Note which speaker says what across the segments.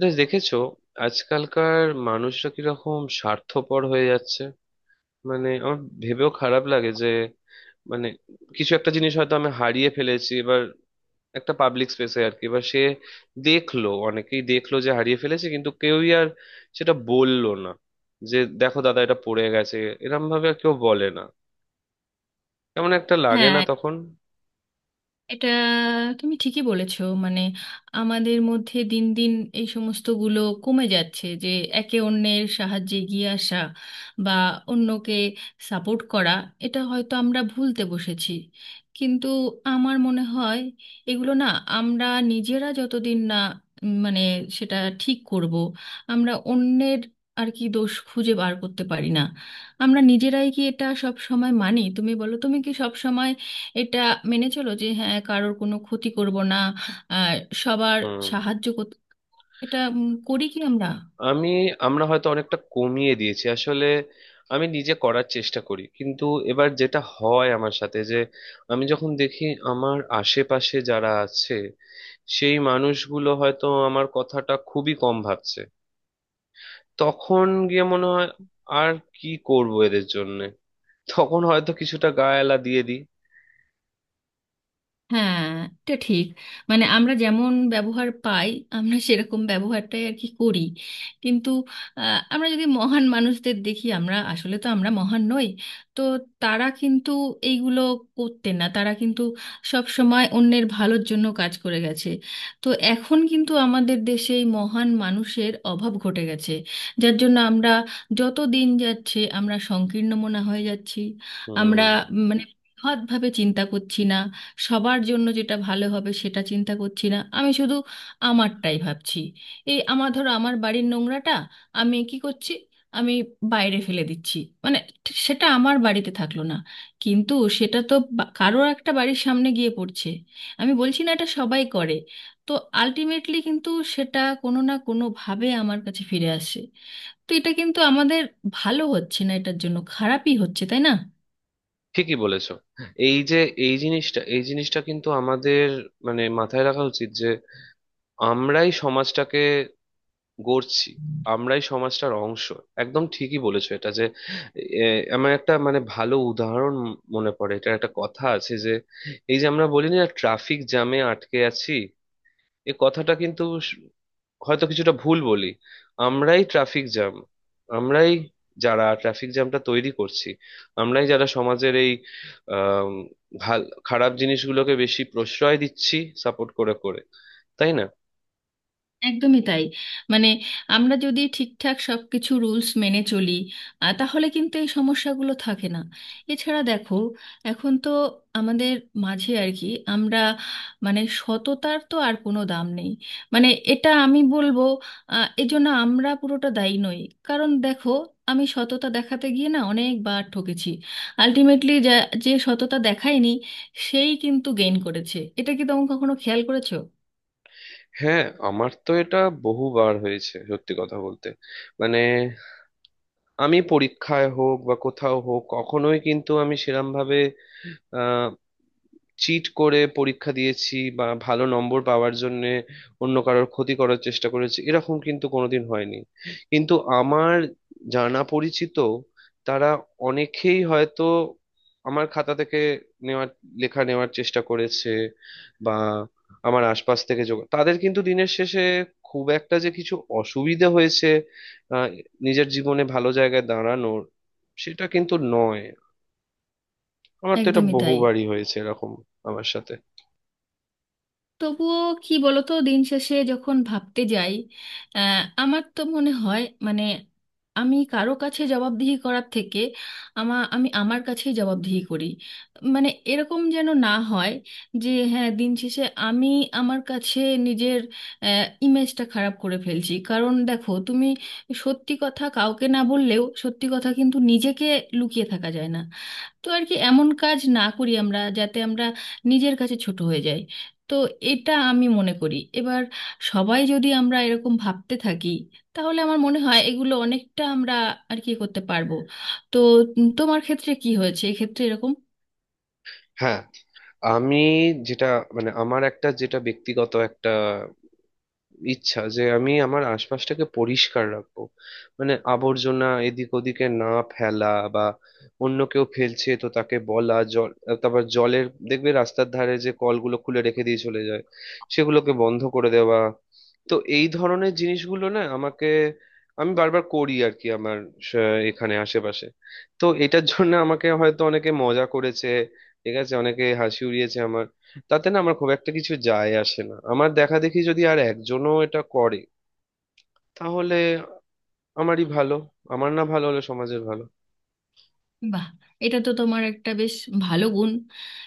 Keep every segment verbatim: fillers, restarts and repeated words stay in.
Speaker 1: দে- দেখেছো? আজকালকার মানুষরা কিরকম স্বার্থপর হয়ে যাচ্ছে। মানে আমার ভেবেও খারাপ লাগে যে মানে কিছু একটা জিনিস হয়তো আমি হারিয়ে ফেলেছি এবার, একটা পাবলিক স্পেসে আর কি। এবার সে দেখলো, অনেকেই দেখলো যে হারিয়ে ফেলেছে, কিন্তু কেউই আর সেটা বললো না যে দেখো দাদা এটা পড়ে গেছে। এরম ভাবে আর কেউ বলে না। কেমন একটা লাগে না
Speaker 2: হ্যাঁ,
Speaker 1: তখন?
Speaker 2: এটা তুমি ঠিকই বলেছো। মানে আমাদের মধ্যে দিন দিন এই সমস্তগুলো কমে যাচ্ছে, যে একে অন্যের সাহায্যে এগিয়ে আসা বা অন্যকে সাপোর্ট করা, এটা হয়তো আমরা ভুলতে বসেছি। কিন্তু আমার মনে হয় এগুলো না, আমরা নিজেরা যতদিন না উম, মানে সেটা ঠিক করব, আমরা অন্যের আর কি দোষ খুঁজে বার করতে পারি না। আমরা নিজেরাই কি এটা সব সময় মানি? তুমি বলো, তুমি কি সব এটা মেনে চলো যে হ্যাঁ কারোর কোনো ক্ষতি করব না আর সবার
Speaker 1: হুম।
Speaker 2: সাহায্য করতে এটা উম, করি কি আমরা?
Speaker 1: আমি, আমরা হয়তো অনেকটা কমিয়ে দিয়েছি আসলে। আমি নিজে করার চেষ্টা করি, কিন্তু এবার যেটা হয় আমার সাথে যে আমি যখন দেখি আমার আশেপাশে যারা আছে সেই মানুষগুলো হয়তো আমার কথাটা খুবই কম ভাবছে, তখন গিয়ে মনে হয় আর কি করব এদের জন্য। তখন হয়তো কিছুটা গায়ে দিয়ে দিই।
Speaker 2: হ্যাঁ, এটা ঠিক। মানে আমরা যেমন ব্যবহার পাই, আমরা সেরকম ব্যবহারটাই আর কি করি। কিন্তু আহ, আমরা যদি মহান মানুষদের দেখি, আমরা আসলে তো আমরা মহান নই। তো তারা কিন্তু এইগুলো করতেন না, তারা কিন্তু সব সময় অন্যের ভালোর জন্য কাজ করে গেছে। তো এখন কিন্তু আমাদের দেশে এই মহান মানুষের অভাব ঘটে গেছে, যার জন্য আমরা, যত দিন যাচ্ছে আমরা সংকীর্ণ মনা হয়ে যাচ্ছি। আমরা
Speaker 1: হুম,
Speaker 2: মানে বৃহৎভাবে চিন্তা করছি না, সবার জন্য যেটা ভালো হবে সেটা চিন্তা করছি না, আমি শুধু আমারটাই ভাবছি। এই আমার, ধরো, আমার বাড়ির নোংরাটা আমি কি করছি? আমি বাইরে ফেলে দিচ্ছি। মানে ঠিক সেটা আমার বাড়িতে থাকলো না, কিন্তু সেটা তো বা- কারোর একটা বাড়ির সামনে গিয়ে পড়ছে। আমি বলছি না এটা সবাই করে, তো আলটিমেটলি কিন্তু সেটা কোনো না কোনোভাবে আমার কাছে ফিরে আসে। তো এটা কিন্তু আমাদের ভালো হচ্ছে না, এটার জন্য খারাপই হচ্ছে, তাই না?
Speaker 1: ঠিকই বলেছো। এই যে, এই জিনিসটা এই জিনিসটা কিন্তু আমাদের মানে মাথায় রাখা উচিত যে আমরাই সমাজটাকে গড়ছি, আমরাই সমাজটার অংশ। একদম ঠিকই বলেছো এটা যে এ, আমার একটা মানে ভালো উদাহরণ মনে পড়ে। এটা একটা কথা আছে যে এই যে আমরা বলি না ট্রাফিক জ্যামে আটকে আছি, এ কথাটা কিন্তু স- হয়তো কিছুটা ভুল বলি। আমরাই ট্রাফিক জ্যাম, আমরাই যারা ট্রাফিক জ্যামটা তৈরি করছি। আমরাই যারা সমাজের এই আম, ভাল খারাপ জিনিসগুলোকে বেশি প্রশ্রয় দিচ্ছি, সাপোর্ট করে করে, তাই না?
Speaker 2: একদমই তাই। মানে আমরা যদি ঠিকঠাক সবকিছু রুলস মেনে চলি, আহ, তাহলে কিন্তু এই সমস্যাগুলো থাকে না। এছাড়া দেখো, এখন তো আমাদের মাঝে আর কি আমরা মানে সততার তো আর কোনো দাম নেই। মানে এটা আমি বলবো, আহ, এজন্য আমরা পুরোটা দায়ী নই। কারণ দেখো, আমি সততা দেখাতে গিয়ে না অনেকবার ঠকেছি। আলটিমেটলি যা, যে সততা দেখায়নি, সেই কিন্তু গেইন করেছে। এটা কি তোমরা কখনো খেয়াল করেছো?
Speaker 1: হ্যাঁ, আমার তো এটা বহুবার হয়েছে, সত্যি কথা বলতে। মানে আমি পরীক্ষায় হোক বা কোথাও হোক, কখনোই কিন্তু আমি সেরম ভাবে চিট করে পরীক্ষা দিয়েছি বা ভালো নম্বর পাওয়ার জন্য অন্য কারোর ক্ষতি করার চেষ্টা করেছি এরকম কিন্তু কোনোদিন হয়নি। কিন্তু আমার জানা পরিচিত, তারা অনেকেই হয়তো আমার খাতা থেকে নেওয়ার, লেখা নেওয়ার চেষ্টা করেছে বা আমার আশপাশ থেকে যোগ তাদের, কিন্তু দিনের শেষে খুব একটা যে কিছু অসুবিধা হয়েছে আহ, নিজের জীবনে ভালো জায়গায় দাঁড়ানোর, সেটা কিন্তু নয়। আমার তো এটা
Speaker 2: একদমই তাই।
Speaker 1: বহুবারই হয়েছে এরকম আমার সাথে।
Speaker 2: তবুও কি বলতো, দিন শেষে যখন ভাবতে যাই, আহ, আমার তো মনে হয় মানে, আমি কারো কাছে জবাবদিহি করার থেকে আমা আমি আমার কাছেই জবাবদিহি করি। মানে এরকম যেন না হয় যে হ্যাঁ দিন শেষে আমি আমার কাছে নিজের ইমেজটা খারাপ করে ফেলছি। কারণ দেখো, তুমি সত্যি কথা কাউকে না বললেও সত্যি কথা কিন্তু নিজেকে লুকিয়ে থাকা যায় না। তো আর কি এমন কাজ না করি আমরা যাতে আমরা নিজের কাছে ছোট হয়ে যাই। তো এটা আমি মনে করি। এবার সবাই যদি আমরা এরকম ভাবতে থাকি, তাহলে আমার মনে হয় এগুলো অনেকটা আমরা আর কি করতে পারবো। তো উম, তোমার ক্ষেত্রে কি হয়েছে এক্ষেত্রে এরকম?
Speaker 1: হ্যাঁ, আমি যেটা মানে আমার একটা যেটা ব্যক্তিগত একটা ইচ্ছা যে আমি আমার আশপাশটাকে পরিষ্কার রাখবো। মানে আবর্জনা এদিক ওদিকে না ফেলা বা অন্য কেউ ফেলছে তো তাকে বলা। জল, তারপর জলের দেখবে রাস্তার ধারে যে কলগুলো খুলে রেখে দিয়ে চলে যায়, সেগুলোকে বন্ধ করে দেওয়া। তো এই ধরনের জিনিসগুলো না আমাকে, আমি বারবার করি আর কি আমার স- এখানে আশেপাশে। তো এটার জন্য আমাকে হয়তো অনেকে মজা করেছে, ঠিক আছে, অনেকে হাসি উড়িয়েছে আমার। তাতে না আমার খুব একটা কিছু যায় আসে না। আমার দেখা দেখি যদি আর একজনও এটা করে, তাহলে আমারই ভালো। আমার না ভালো হলে সমাজের ভালো।
Speaker 2: বাহ, এটা তো তোমার একটা বেশ ভালো গুণ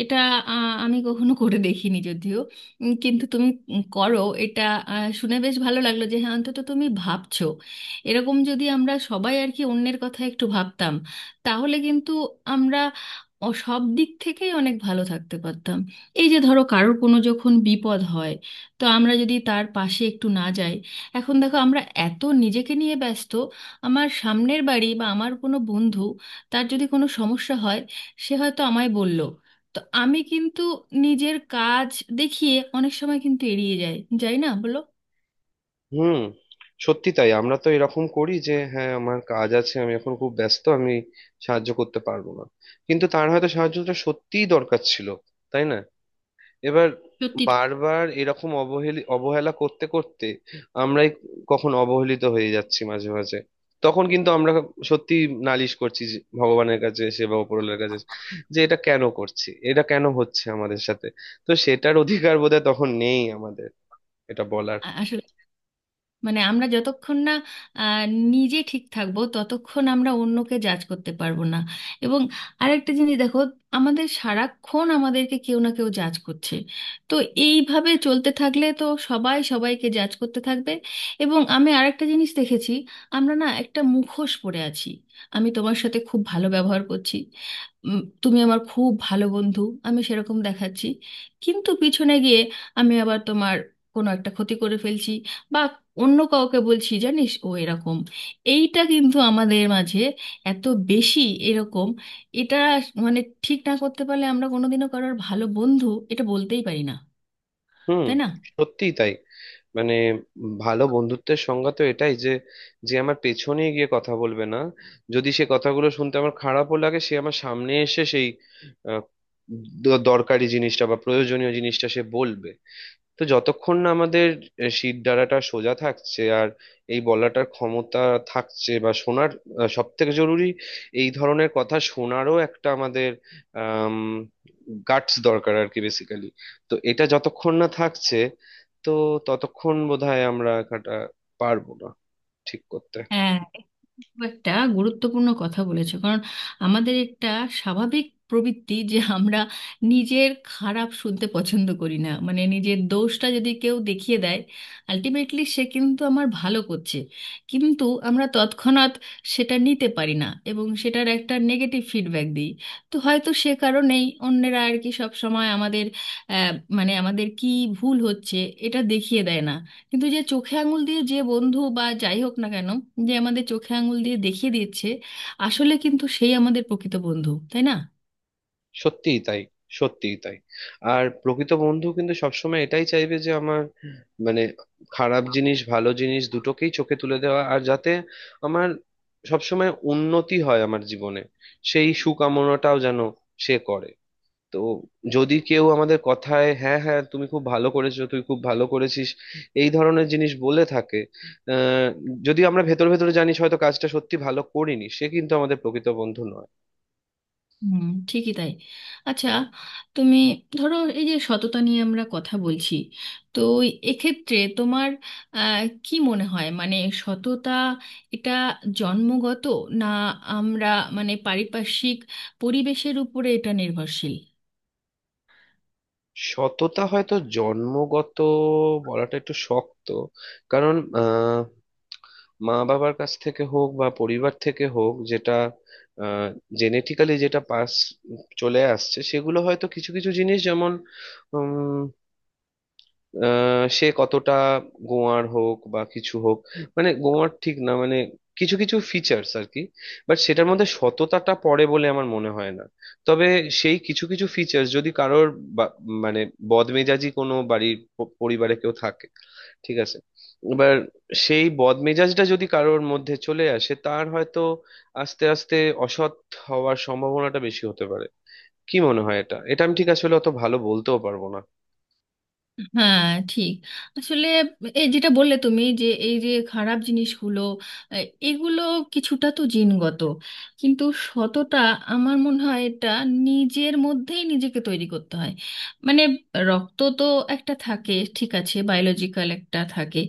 Speaker 2: এটা। আহ, আমি কখনো করে দেখিনি যদিও, উম, কিন্তু তুমি উম, করো এটা। আহ, শুনে বেশ ভালো লাগলো যে হ্যাঁ অন্তত তুমি ভাবছো। এরকম যদি আমরা সবাই আর কি অন্যের কথা একটু ভাবতাম, তাহলে কিন্তু আমরা অ- সব দিক থেকেই অনেক ভালো থাকতে পারতাম। এই যে ধরো কারোর কোনো যখন বিপদ হয়, তো আমরা যদি তার পাশে একটু না যাই। এখন দেখো, আমরা এত নিজেকে নিয়ে ব্যস্ত। আমার সামনের বাড়ি বা আমার কোনো বন্ধু, তার যদি কোনো সমস্যা হয়, সে হয়তো আমায় বলল, তো আমি কিন্তু নিজের কাজ দেখিয়ে অনেক সময় কিন্তু এড়িয়ে যাই। যাই না বলো?
Speaker 1: হুম, সত্যি তাই। আমরা তো এরকম করি যে হ্যাঁ, আমার কাজ আছে, আমি এখন খুব ব্যস্ত, আমি সাহায্য করতে পারবো না। কিন্তু তার হয়তো সাহায্যটা সত্যিই দরকার ছিল, তাই না? এবার
Speaker 2: সত্যি তো।
Speaker 1: বারবার এরকম অবহেলি অবহেলা করতে করতে আমরাই কখন অবহেলিত হয়ে যাচ্ছি মাঝে মাঝে। তখন কিন্তু আমরা সত্যি নালিশ করছি যে ভগবানের কাছে, সেবা উপরওয়ালার কাছে, যে এটা কেন করছি, এটা কেন হচ্ছে আমাদের সাথে। তো সেটার অধিকার বোধহয় তখন নেই আমাদের এটা বলার।
Speaker 2: আ- আসলে মানে আমরা যতক্ষণ না আহ, নিজে ঠিক থাকবো, ততক্ষণ আমরা অন্যকে জাজ করতে পারবো না। এবং আরেকটা জিনিস দেখো, আমাদের সারাক্ষণ আমাদেরকে কেউ না কেউ জাজ করছে। তো এইভাবে চলতে থাকলে তো সবাই সবাইকে জাজ করতে থাকবে। এবং আমি আরেকটা জিনিস দেখেছি, আমরা না একটা মুখোশ পরে আছি। আমি তোমার সাথে খুব ভালো ব্যবহার করছি, উম, তুমি আমার খুব ভালো বন্ধু, আমি সেরকম দেখাচ্ছি, কিন্তু পিছনে গিয়ে আমি আবার তোমার কোনো একটা ক্ষতি করে ফেলছি বা অন্য কাউকে বলছি, জানিস ও এরকম। এইটা কিন্তু আমাদের মাঝে এত বেশি এরকম, এটা মানে ঠিক না করতে পারলে আমরা কোনোদিনও কারোর ভালো বন্ধু এটা বলতেই পারি না,
Speaker 1: হুম,
Speaker 2: তাই না?
Speaker 1: সত্যিই তাই। মানে ভালো বন্ধুত্বের সংজ্ঞা তো এটাই যে, যে আমার পেছনে গিয়ে কথা বলবে না, যদি সে কথাগুলো শুনতে আমার খারাপও লাগে সে আমার সামনে এসে সেই আহ, দ- দরকারি জিনিসটা বা প্রয়োজনীয় জিনিসটা সে বলবে। তো যতক্ষণ না আমাদের শির দ্বারাটা সোজা থাকছে আর এই বলাটার ক্ষমতা থাকছে বা শোনার, সব থেকে জরুরি এই ধরনের কথা শোনারও একটা আমাদের আম গাটস দরকার আর কি, বেসিক্যালি। তো এটা যতক্ষণ না থাকছে তো ততক্ষণ বোধহয় আমরা কাটা পারবো না ঠিক করতে।
Speaker 2: হ্যাঁ, খুব একটা গুরুত্বপূর্ণ কথা বলেছো। কারণ আমাদের একটা স্বাভাবিক প্রবৃত্তি যে আমরা নিজের খারাপ শুনতে পছন্দ করি না। মানে নিজের দোষটা যদি কেউ দেখিয়ে দেয়, আলটিমেটলি সে কিন্তু আমার ভালো করছে, কিন্তু আমরা তৎক্ষণাৎ সেটা নিতে পারি না এবং সেটার একটা নেগেটিভ ফিডব্যাক দিই। তো হয়তো সে কারণেই অন্যেরা আর কি সব সময় আমাদের আহ, মানে আমাদের কি ভুল হচ্ছে এটা দেখিয়ে দেয় না। কিন্তু যে চোখে আঙুল দিয়ে, যে বন্ধু বা যাই হোক না কেন, যে আমাদের চোখে আঙুল দিয়ে দেখিয়ে দিচ্ছে, আসলে কিন্তু সেই আমাদের প্রকৃত বন্ধু, তাই না?
Speaker 1: সত্যিই তাই, সত্যিই তাই। আর প্রকৃত বন্ধু কিন্তু সবসময় এটাই চাইবে যে আমার মানে খারাপ জিনিস ভালো জিনিস দুটোকেই চোখে তুলে দেওয়া আর যাতে আমার সবসময় উন্নতি হয় আমার জীবনে, সেই সুকামনাটাও যেন সে করে। তো যদি কেউ আমাদের কথায় হ্যাঁ হ্যাঁ তুমি খুব ভালো করেছো তুই খুব ভালো করেছিস এই ধরনের জিনিস বলে থাকে, আহ যদি আমরা ভেতর ভেতরে জানিস হয়তো কাজটা সত্যি ভালো করিনি, সে কিন্তু আমাদের প্রকৃত বন্ধু নয়।
Speaker 2: হুম, ঠিকই তাই। আচ্ছা, তুমি ধরো এই যে সততা নিয়ে আমরা কথা বলছি, তো এক্ষেত্রে তোমার আহ, কি মনে হয় মানে সততা এটা জন্মগত, না আমরা মানে পারিপার্শ্বিক পরিবেশের উপরে এটা নির্ভরশীল?
Speaker 1: সততা হয়তো জন্মগত বলাটা একটু শক্ত। কারণ আহ মা বাবার কাছ থেকে হোক বা পরিবার থেকে হোক যেটা জেনেটিক্যালি যেটা পাস চলে আসছে সেগুলো হয়তো কিছু কিছু জিনিস, যেমন আহ সে কতটা গোয়ার হোক বা কিছু হোক, মানে গোয়ার ঠিক না, মানে কিছু কিছু ফিচার্স আর কি। বাট সেটার মধ্যে সততাটা পড়ে বলে আমার মনে হয় না। তবে সেই কিছু কিছু ফিচার্স যদি কারোর বা- মানে বদমেজাজি কোনো বাড়ির প- পরিবারে কেউ থাকে, ঠিক আছে, এবার সেই বদমেজাজটা যদি কারোর মধ্যে চলে আসে তার হয়তো আস্তে আস্তে অসৎ হওয়ার সম্ভাবনাটা বেশি হতে পারে। কি মনে হয়? এটা এটা আমি ঠিক আসলে অত ভালো বলতেও পারবো না।
Speaker 2: হ্যাঁ, ঠিক। আসলে এই যেটা বললে তুমি, যে এই যে খারাপ জিনিসগুলো, আহ, এগুলো কিছুটা তো জিনগত, কিন্তু সততা আমার মনে হয় এটা নিজের মধ্যেই নিজেকে তৈরি করতে হয়। মানে রক্ত তো একটা থাকে, ঠিক আছে, বায়োলজিক্যাল একটা থাকে,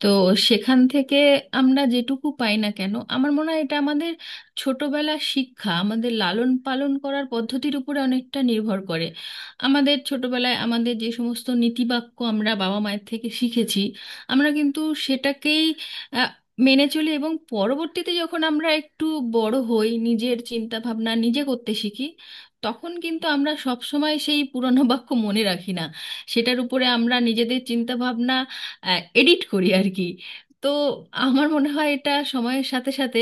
Speaker 2: তো সেখান থেকে আমরা যেটুকু পাই না কেন, আমার মনে হয় এটা আমাদের ছোটবেলা শিক্ষা, আমাদের লালন পালন করার পদ্ধতির উপরে অনেকটা নির্ভর করে। আমাদের ছোটবেলায় আমাদের যে সমস্ত নীতিবাক্য আমরা বাবা মায়ের থেকে শিখেছি, আমরা কিন্তু সেটাকেই আহ, মেনে চলি। এবং পরবর্তীতে যখন আমরা একটু বড় হই, নিজের চিন্তা ভাবনা নিজে করতে শিখি, তখন কিন্তু আমরা সব সময় সেই পুরনো বাক্য মনে রাখি না। সেটার উপরে আমরা নিজেদের চিন্তা ভাবনা এডিট করি আর কি। তো আমার মনে হয় এটা সময়ের সাথে সাথে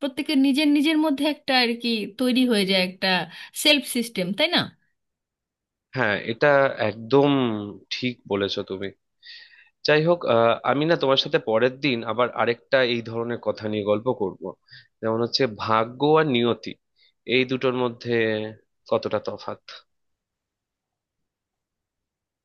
Speaker 2: প্রত্যেকের নিজের নিজের মধ্যে একটা আর কি তৈরি হয়ে যায়, একটা সেলফ সিস্টেম, তাই না?
Speaker 1: হ্যাঁ এটা একদম ঠিক বলেছো তুমি। যাই হোক, আহ, আমি না তোমার সাথে পরের দিন আবার আরেকটা এই ধরনের কথা নিয়ে গল্প করব, যেমন হচ্ছে ভাগ্য আর নিয়তি, এই দুটোর মধ্যে কতটা তফাৎ।